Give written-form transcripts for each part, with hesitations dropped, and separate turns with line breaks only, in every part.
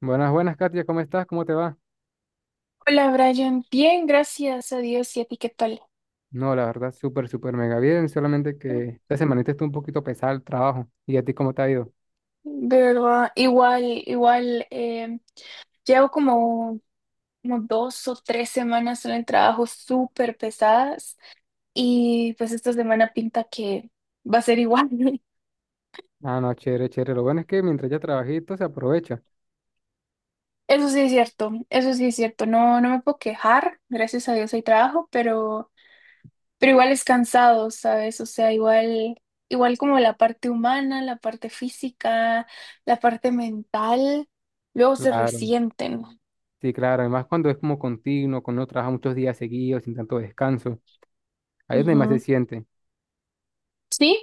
Buenas, buenas, Katia, ¿cómo estás? ¿Cómo te va?
Hola Brian, bien, gracias a Dios y a ti, ¿qué tal?
No, la verdad, súper, súper mega bien, solamente que esta semanita estuvo un poquito pesado el trabajo. ¿Y a ti cómo te ha ido?
De verdad, igual, igual, llevo como dos o tres semanas en el trabajo súper pesadas y pues esta semana pinta que va a ser igual.
Ah, no, chévere, chévere. Lo bueno es que mientras ya trabajito se aprovecha.
Eso sí es cierto, eso sí es cierto, no, no me puedo quejar, gracias a Dios hay trabajo, pero... Pero igual es cansado, ¿sabes? O sea, igual, igual como la parte humana, la parte física, la parte mental, luego se
Claro,
resienten.
sí, claro. Además, cuando es como continuo, cuando uno trabaja muchos días seguidos, sin tanto descanso, ahí es donde más se
Ujú.
siente.
Sí,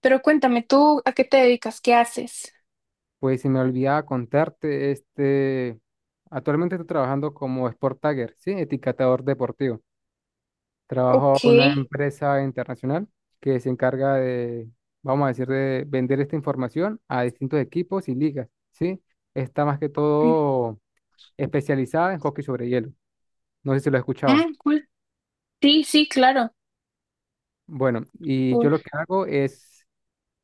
pero cuéntame, ¿tú a qué te dedicas? ¿Qué haces?
Pues se me olvidaba contarte, actualmente estoy trabajando como Sport Tagger, sí, etiquetador deportivo. Trabajo
Ok.
en una empresa internacional que se encarga de, vamos a decir, de vender esta información a distintos equipos y ligas, ¿sí? Está más que todo especializada en hockey sobre hielo. No sé si lo has escuchado.
Mm, cool. Sí, sí, claro.
Bueno, y yo
Cool.
lo que hago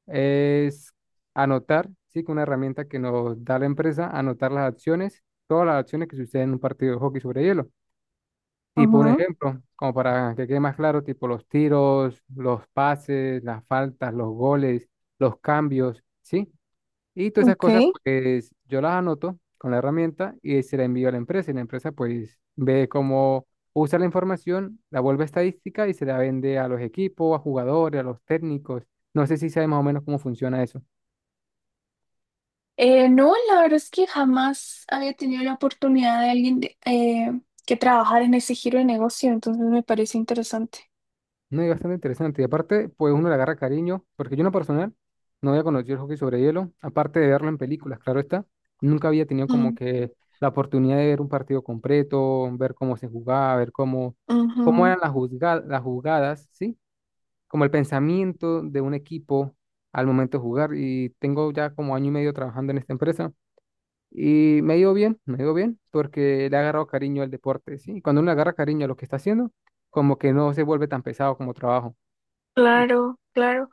es anotar, sí, con una herramienta que nos da la empresa, anotar las acciones, todas las acciones que suceden en un partido de hockey sobre hielo. Tipo un
Ajá,
ejemplo, como para que quede más claro, tipo los tiros, los pases, las faltas, los goles, los cambios, ¿sí? Y todas esas cosas,
ok.
pues yo las anoto con la herramienta y se la envío a la empresa. Y la empresa, pues, ve cómo usa la información, la vuelve estadística y se la vende a los equipos, a jugadores, a los técnicos. No sé si sabes más o menos cómo funciona eso.
No, la verdad es que jamás había tenido la oportunidad de alguien que trabajar en ese giro de negocio, entonces me parece interesante.
No, es bastante interesante. Y aparte, pues uno le agarra cariño, porque yo en lo personal no había conocido el hockey sobre hielo, aparte de verlo en películas, claro está. Nunca había tenido como
Mm,
que la oportunidad de ver un partido completo, ver cómo se jugaba, ver cómo, cómo
ujú.
eran las las jugadas, ¿sí? Como el pensamiento de un equipo al momento de jugar. Y tengo ya como año y medio trabajando en esta empresa. Y me ha ido bien, me ha ido bien, porque le ha agarrado cariño al deporte, ¿sí? Y cuando uno le agarra cariño a lo que está haciendo, como que no se vuelve tan pesado como trabajo. Y
Claro, claro,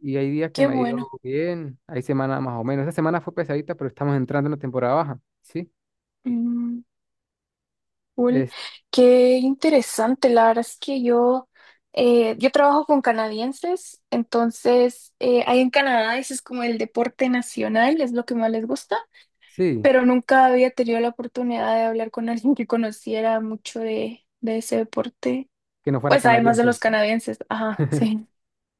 y hay días que
qué
me ha ido
bueno.
bien, hay semanas más o menos. Esta semana fue pesadita, pero estamos entrando en la temporada baja, ¿sí?
Mm, cool.
Es,
Qué interesante. La verdad es que yo trabajo con canadienses, entonces ahí en Canadá ese es como el deporte nacional, es lo que más les gusta,
sí,
pero nunca había tenido la oportunidad de hablar con alguien que conociera mucho de ese deporte.
que no fuera
Pues además de
canadiense.
los canadienses, ajá, sí.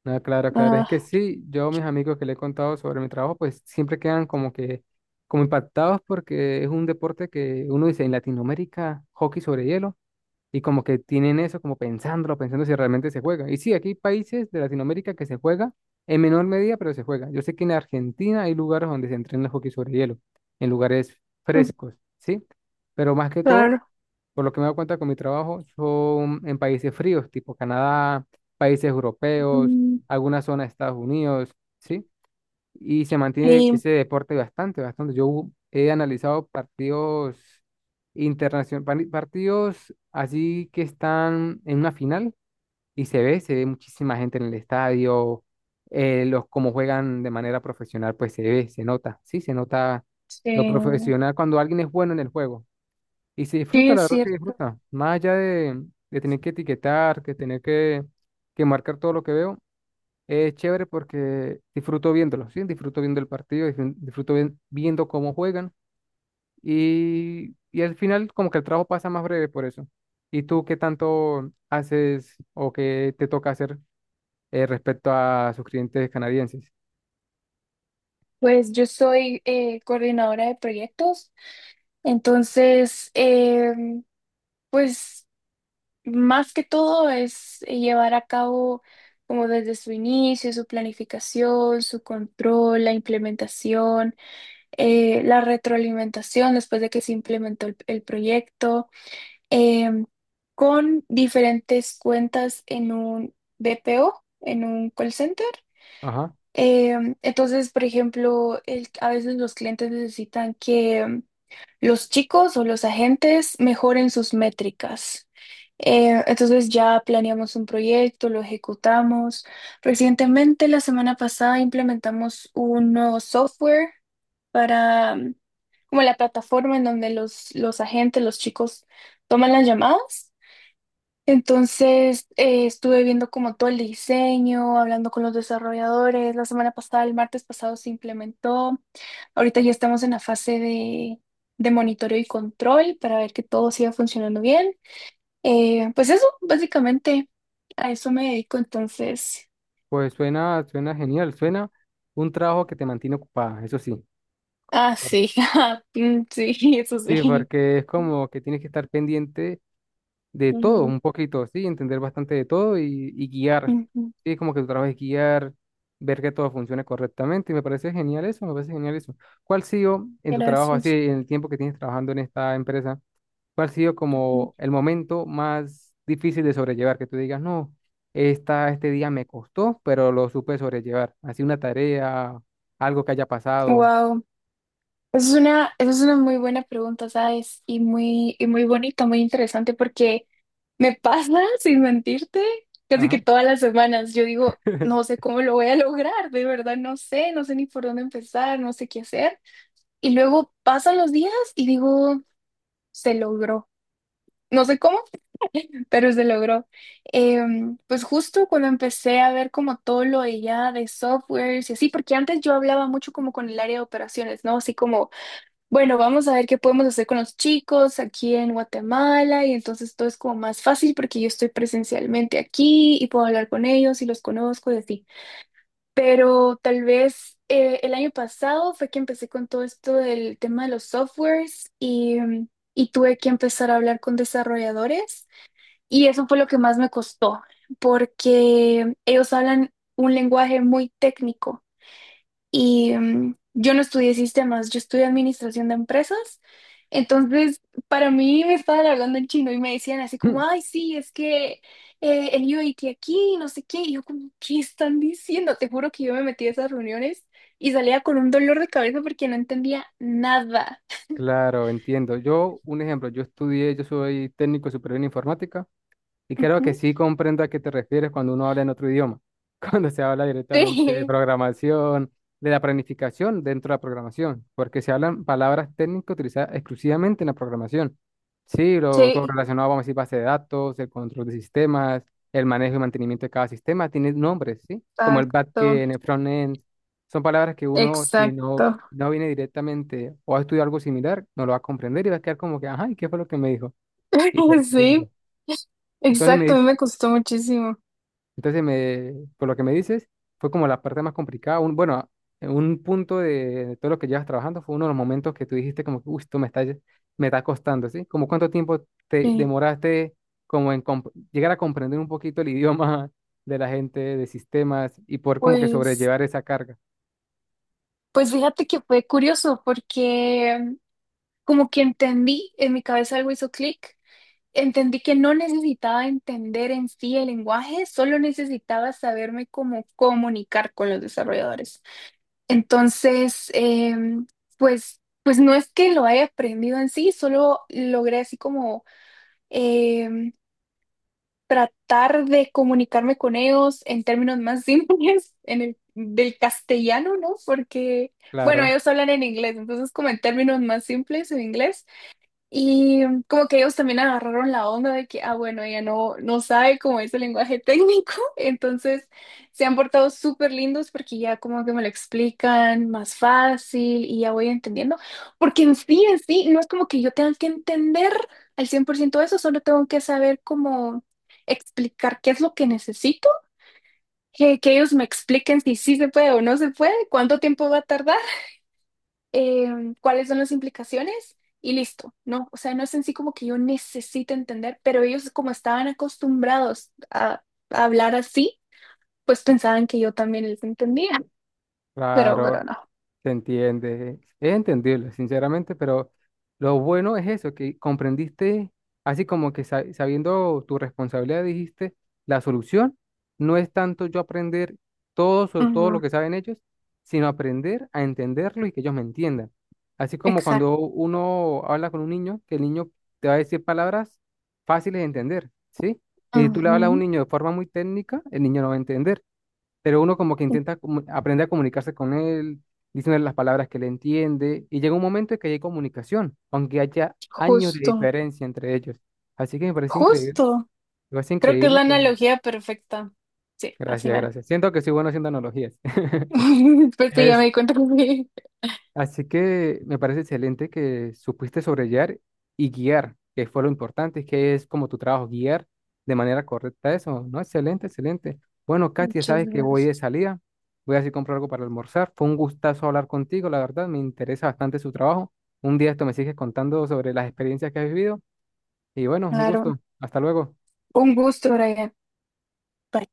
No, claro, claro. Es
Ah,
que sí, yo a mis amigos que le he contado sobre mi trabajo, pues siempre quedan como que, como impactados porque es un deporte que uno dice en Latinoamérica, hockey sobre hielo, y como que tienen eso, como pensándolo, pensando si realmente se juega. Y sí, aquí hay países de Latinoamérica que se juega en menor medida, pero se juega. Yo sé que en Argentina hay lugares donde se entrena hockey sobre hielo, en lugares frescos, ¿sí? Pero más que todo,
claro.
por lo que me doy cuenta con mi trabajo, son en países fríos, tipo Canadá, países europeos,
Mm,
algunas zonas de Estados Unidos, ¿sí? Y se mantiene
y,
ese deporte bastante, bastante. Yo he analizado partidos internacionales, partidos así que están en una final y se ve muchísima gente en el estadio, los como juegan de manera profesional, pues se ve, se nota, sí, se nota lo
sí,
profesional cuando alguien es bueno en el juego y se
sí,
disfruta,
es
la verdad se
cierto.
disfruta, más allá de tener que etiquetar, que tener que marcar todo lo que veo. Es chévere porque disfruto viéndolo, ¿sí? Disfruto viendo el partido, disfruto viendo cómo juegan y al final como que el trabajo pasa más breve por eso. ¿Y tú qué tanto haces o qué te toca hacer respecto a sus clientes canadienses?
Pues yo soy coordinadora de proyectos, entonces, pues más que todo es llevar a cabo como desde su inicio, su planificación, su control, la implementación, la retroalimentación después de que se implementó el proyecto, em, con diferentes cuentas en un BPO, en un call center.
Ajá,
Entonces, por ejemplo, a veces los clientes necesitan que los chicos o los agentes mejoren sus métricas. Entonces ya planeamos un proyecto, lo ejecutamos. Recientemente, la semana pasada, implementamos un nuevo software para como la plataforma en donde los agentes, los chicos toman las llamadas. Entonces, estuve viendo como todo el diseño, hablando con los desarrolladores. La semana pasada, el martes pasado, se implementó. Ahorita ya estamos en la fase de monitoreo y control para ver que todo siga funcionando bien. Pues eso, básicamente, a eso me dedico entonces.
pues suena, suena genial, suena un trabajo que te mantiene ocupada, eso sí.
Ah,
Por-
sí, ah, mm, sí, eso
Sí,
sí.
porque es como que tienes que estar pendiente de todo,
Ujú,
un poquito, ¿sí? Entender bastante de todo y guiar,
ujú.
¿sí? Como que tu trabajo es guiar, ver que todo funcione correctamente y me parece genial eso, me parece genial eso. ¿Cuál ha sido en tu trabajo, así,
Gracias.
en el tiempo que tienes trabajando en esta empresa, cuál ha sido como el momento más difícil de sobrellevar? Que tú digas, no, esta, este día me costó, pero lo supe sobrellevar. Así una tarea, algo que haya pasado.
Wow. Esa es una muy buena pregunta, ¿sabes? Y muy bonita, muy interesante, porque me pasa, sin mentirte, casi que
Ajá.
todas las semanas yo digo, no sé cómo lo voy a lograr, de verdad no sé, no sé ni por dónde empezar, no sé qué hacer. Y luego pasan los días y digo, se logró. No sé cómo, pero se logró. Pues justo cuando empecé a ver como todo lo de ya de softwares y así, porque antes yo hablaba mucho como con el área de operaciones, ¿no? Así como bueno, vamos a ver qué podemos hacer con los chicos aquí en Guatemala y entonces todo es como más fácil porque yo estoy presencialmente aquí y puedo hablar con ellos y los conozco y así. Pero tal vez el año pasado fue que empecé con todo esto del tema de los softwares y tuve que empezar a hablar con desarrolladores y eso fue lo que más me costó porque ellos hablan un lenguaje muy técnico. Y yo no estudié sistemas, yo estudié administración de empresas. Entonces, para mí me estaban hablando en chino y me decían así como, ay, sí, es que el UAT aquí, no sé qué. Y yo como, ¿qué están diciendo? Te juro que yo me metí a esas reuniones y salía con un dolor de cabeza porque no entendía nada.
Claro, entiendo. Yo, un ejemplo, yo estudié, yo soy técnico superior en informática. Y creo que
Ujú.
sí comprendo a qué te refieres cuando uno habla en otro idioma, cuando se habla directamente de
Sí,
programación, de la planificación dentro de la programación, porque se hablan palabras técnicas utilizadas exclusivamente en la programación. Sí, lo, todo
sí,
relacionado, vamos a decir, base de datos, el control de sistemas, el manejo y mantenimiento de cada sistema, tiene nombres, ¿sí? Como el
exacto,
backend, el frontend, son palabras que uno, si no,
exacto.
no viene directamente o ha estudiado algo similar, no lo va a comprender y va a quedar como que, ajá, ¿y qué fue lo que me dijo? Y te
Sí,
entiendo. Entonces me
exacto, a mí
dice,
me costó muchísimo.
entonces, me, por lo que me dices, fue como la parte más complicada. Un, bueno, un punto de todo lo que llevas trabajando fue uno de los momentos que tú dijiste como que, uy, esto me está, me está costando, ¿sí? Como cuánto tiempo te
Sí.
demoraste como en llegar a comprender un poquito el idioma de la gente, de sistemas y poder como que
Pues
sobrellevar esa carga.
Pues fíjate que fue curioso porque como que entendí, en mi cabeza algo hizo clic, entendí que no necesitaba entender en sí el lenguaje, solo necesitaba saberme cómo comunicar con los desarrolladores. Entonces, pues no es que lo haya aprendido en sí, solo logré así como em, tratar de comunicarme con ellos en términos más simples, en del castellano, ¿no? Porque, bueno,
Claro,
ellos hablan en inglés, entonces como en términos más simples en inglés. Y como que ellos también agarraron la onda de que, ah, bueno, ella no, no sabe cómo es el lenguaje técnico, entonces se han portado súper lindos porque ya como que me lo explican más fácil y ya voy entendiendo, porque en sí, no es como que yo tenga que entender al 100% eso, solo tengo que saber cómo explicar qué es lo que necesito, que ellos me expliquen si sí se puede o no se puede, cuánto tiempo va a tardar cuáles son las implicaciones y listo, ¿no? O sea, no es en sí como que yo necesite entender, pero ellos como estaban acostumbrados a hablar así, pues pensaban que yo también les entendía, pero,
claro,
pero no.
se entiende, es entendible, sinceramente, pero lo bueno es eso, que comprendiste, así como que sabiendo tu responsabilidad, dijiste, la solución no es tanto yo aprender todo, todo
Ujú,
lo que saben ellos, sino aprender a entenderlo y que ellos me entiendan. Así como
exacto.
cuando uno habla con un niño, que el niño te va a decir palabras fáciles de entender, ¿sí? Y si tú le hablas a un
Ujú,
niño de forma muy técnica, el niño no va a entender pero uno como que intenta aprender a comunicarse con él, diciéndole las palabras que le entiende, y llega un momento en que hay comunicación, aunque haya años de
justo,
diferencia entre ellos. Así que
justo.
me parece
Creo que es
increíble
la
que...
analogía perfecta. Sí, así
Gracias,
mero.
gracias. Siento que soy bueno haciendo analogías.
Después sí, ya me
Este,
di cuenta que sí.
así que me parece excelente que supiste sobrellevar y guiar, que fue lo importante, que es como tu trabajo, guiar de manera correcta eso, ¿no? Excelente, excelente. Bueno, Katia,
Muchas
sabes que voy de
gracias.
salida, voy a ir a comprar algo para almorzar. Fue un gustazo hablar contigo, la verdad, me interesa bastante su trabajo. Un día esto me sigues contando sobre las experiencias que has vivido y bueno, un
Claro.
gusto. Hasta luego.
Un gusto, Brian. Bye.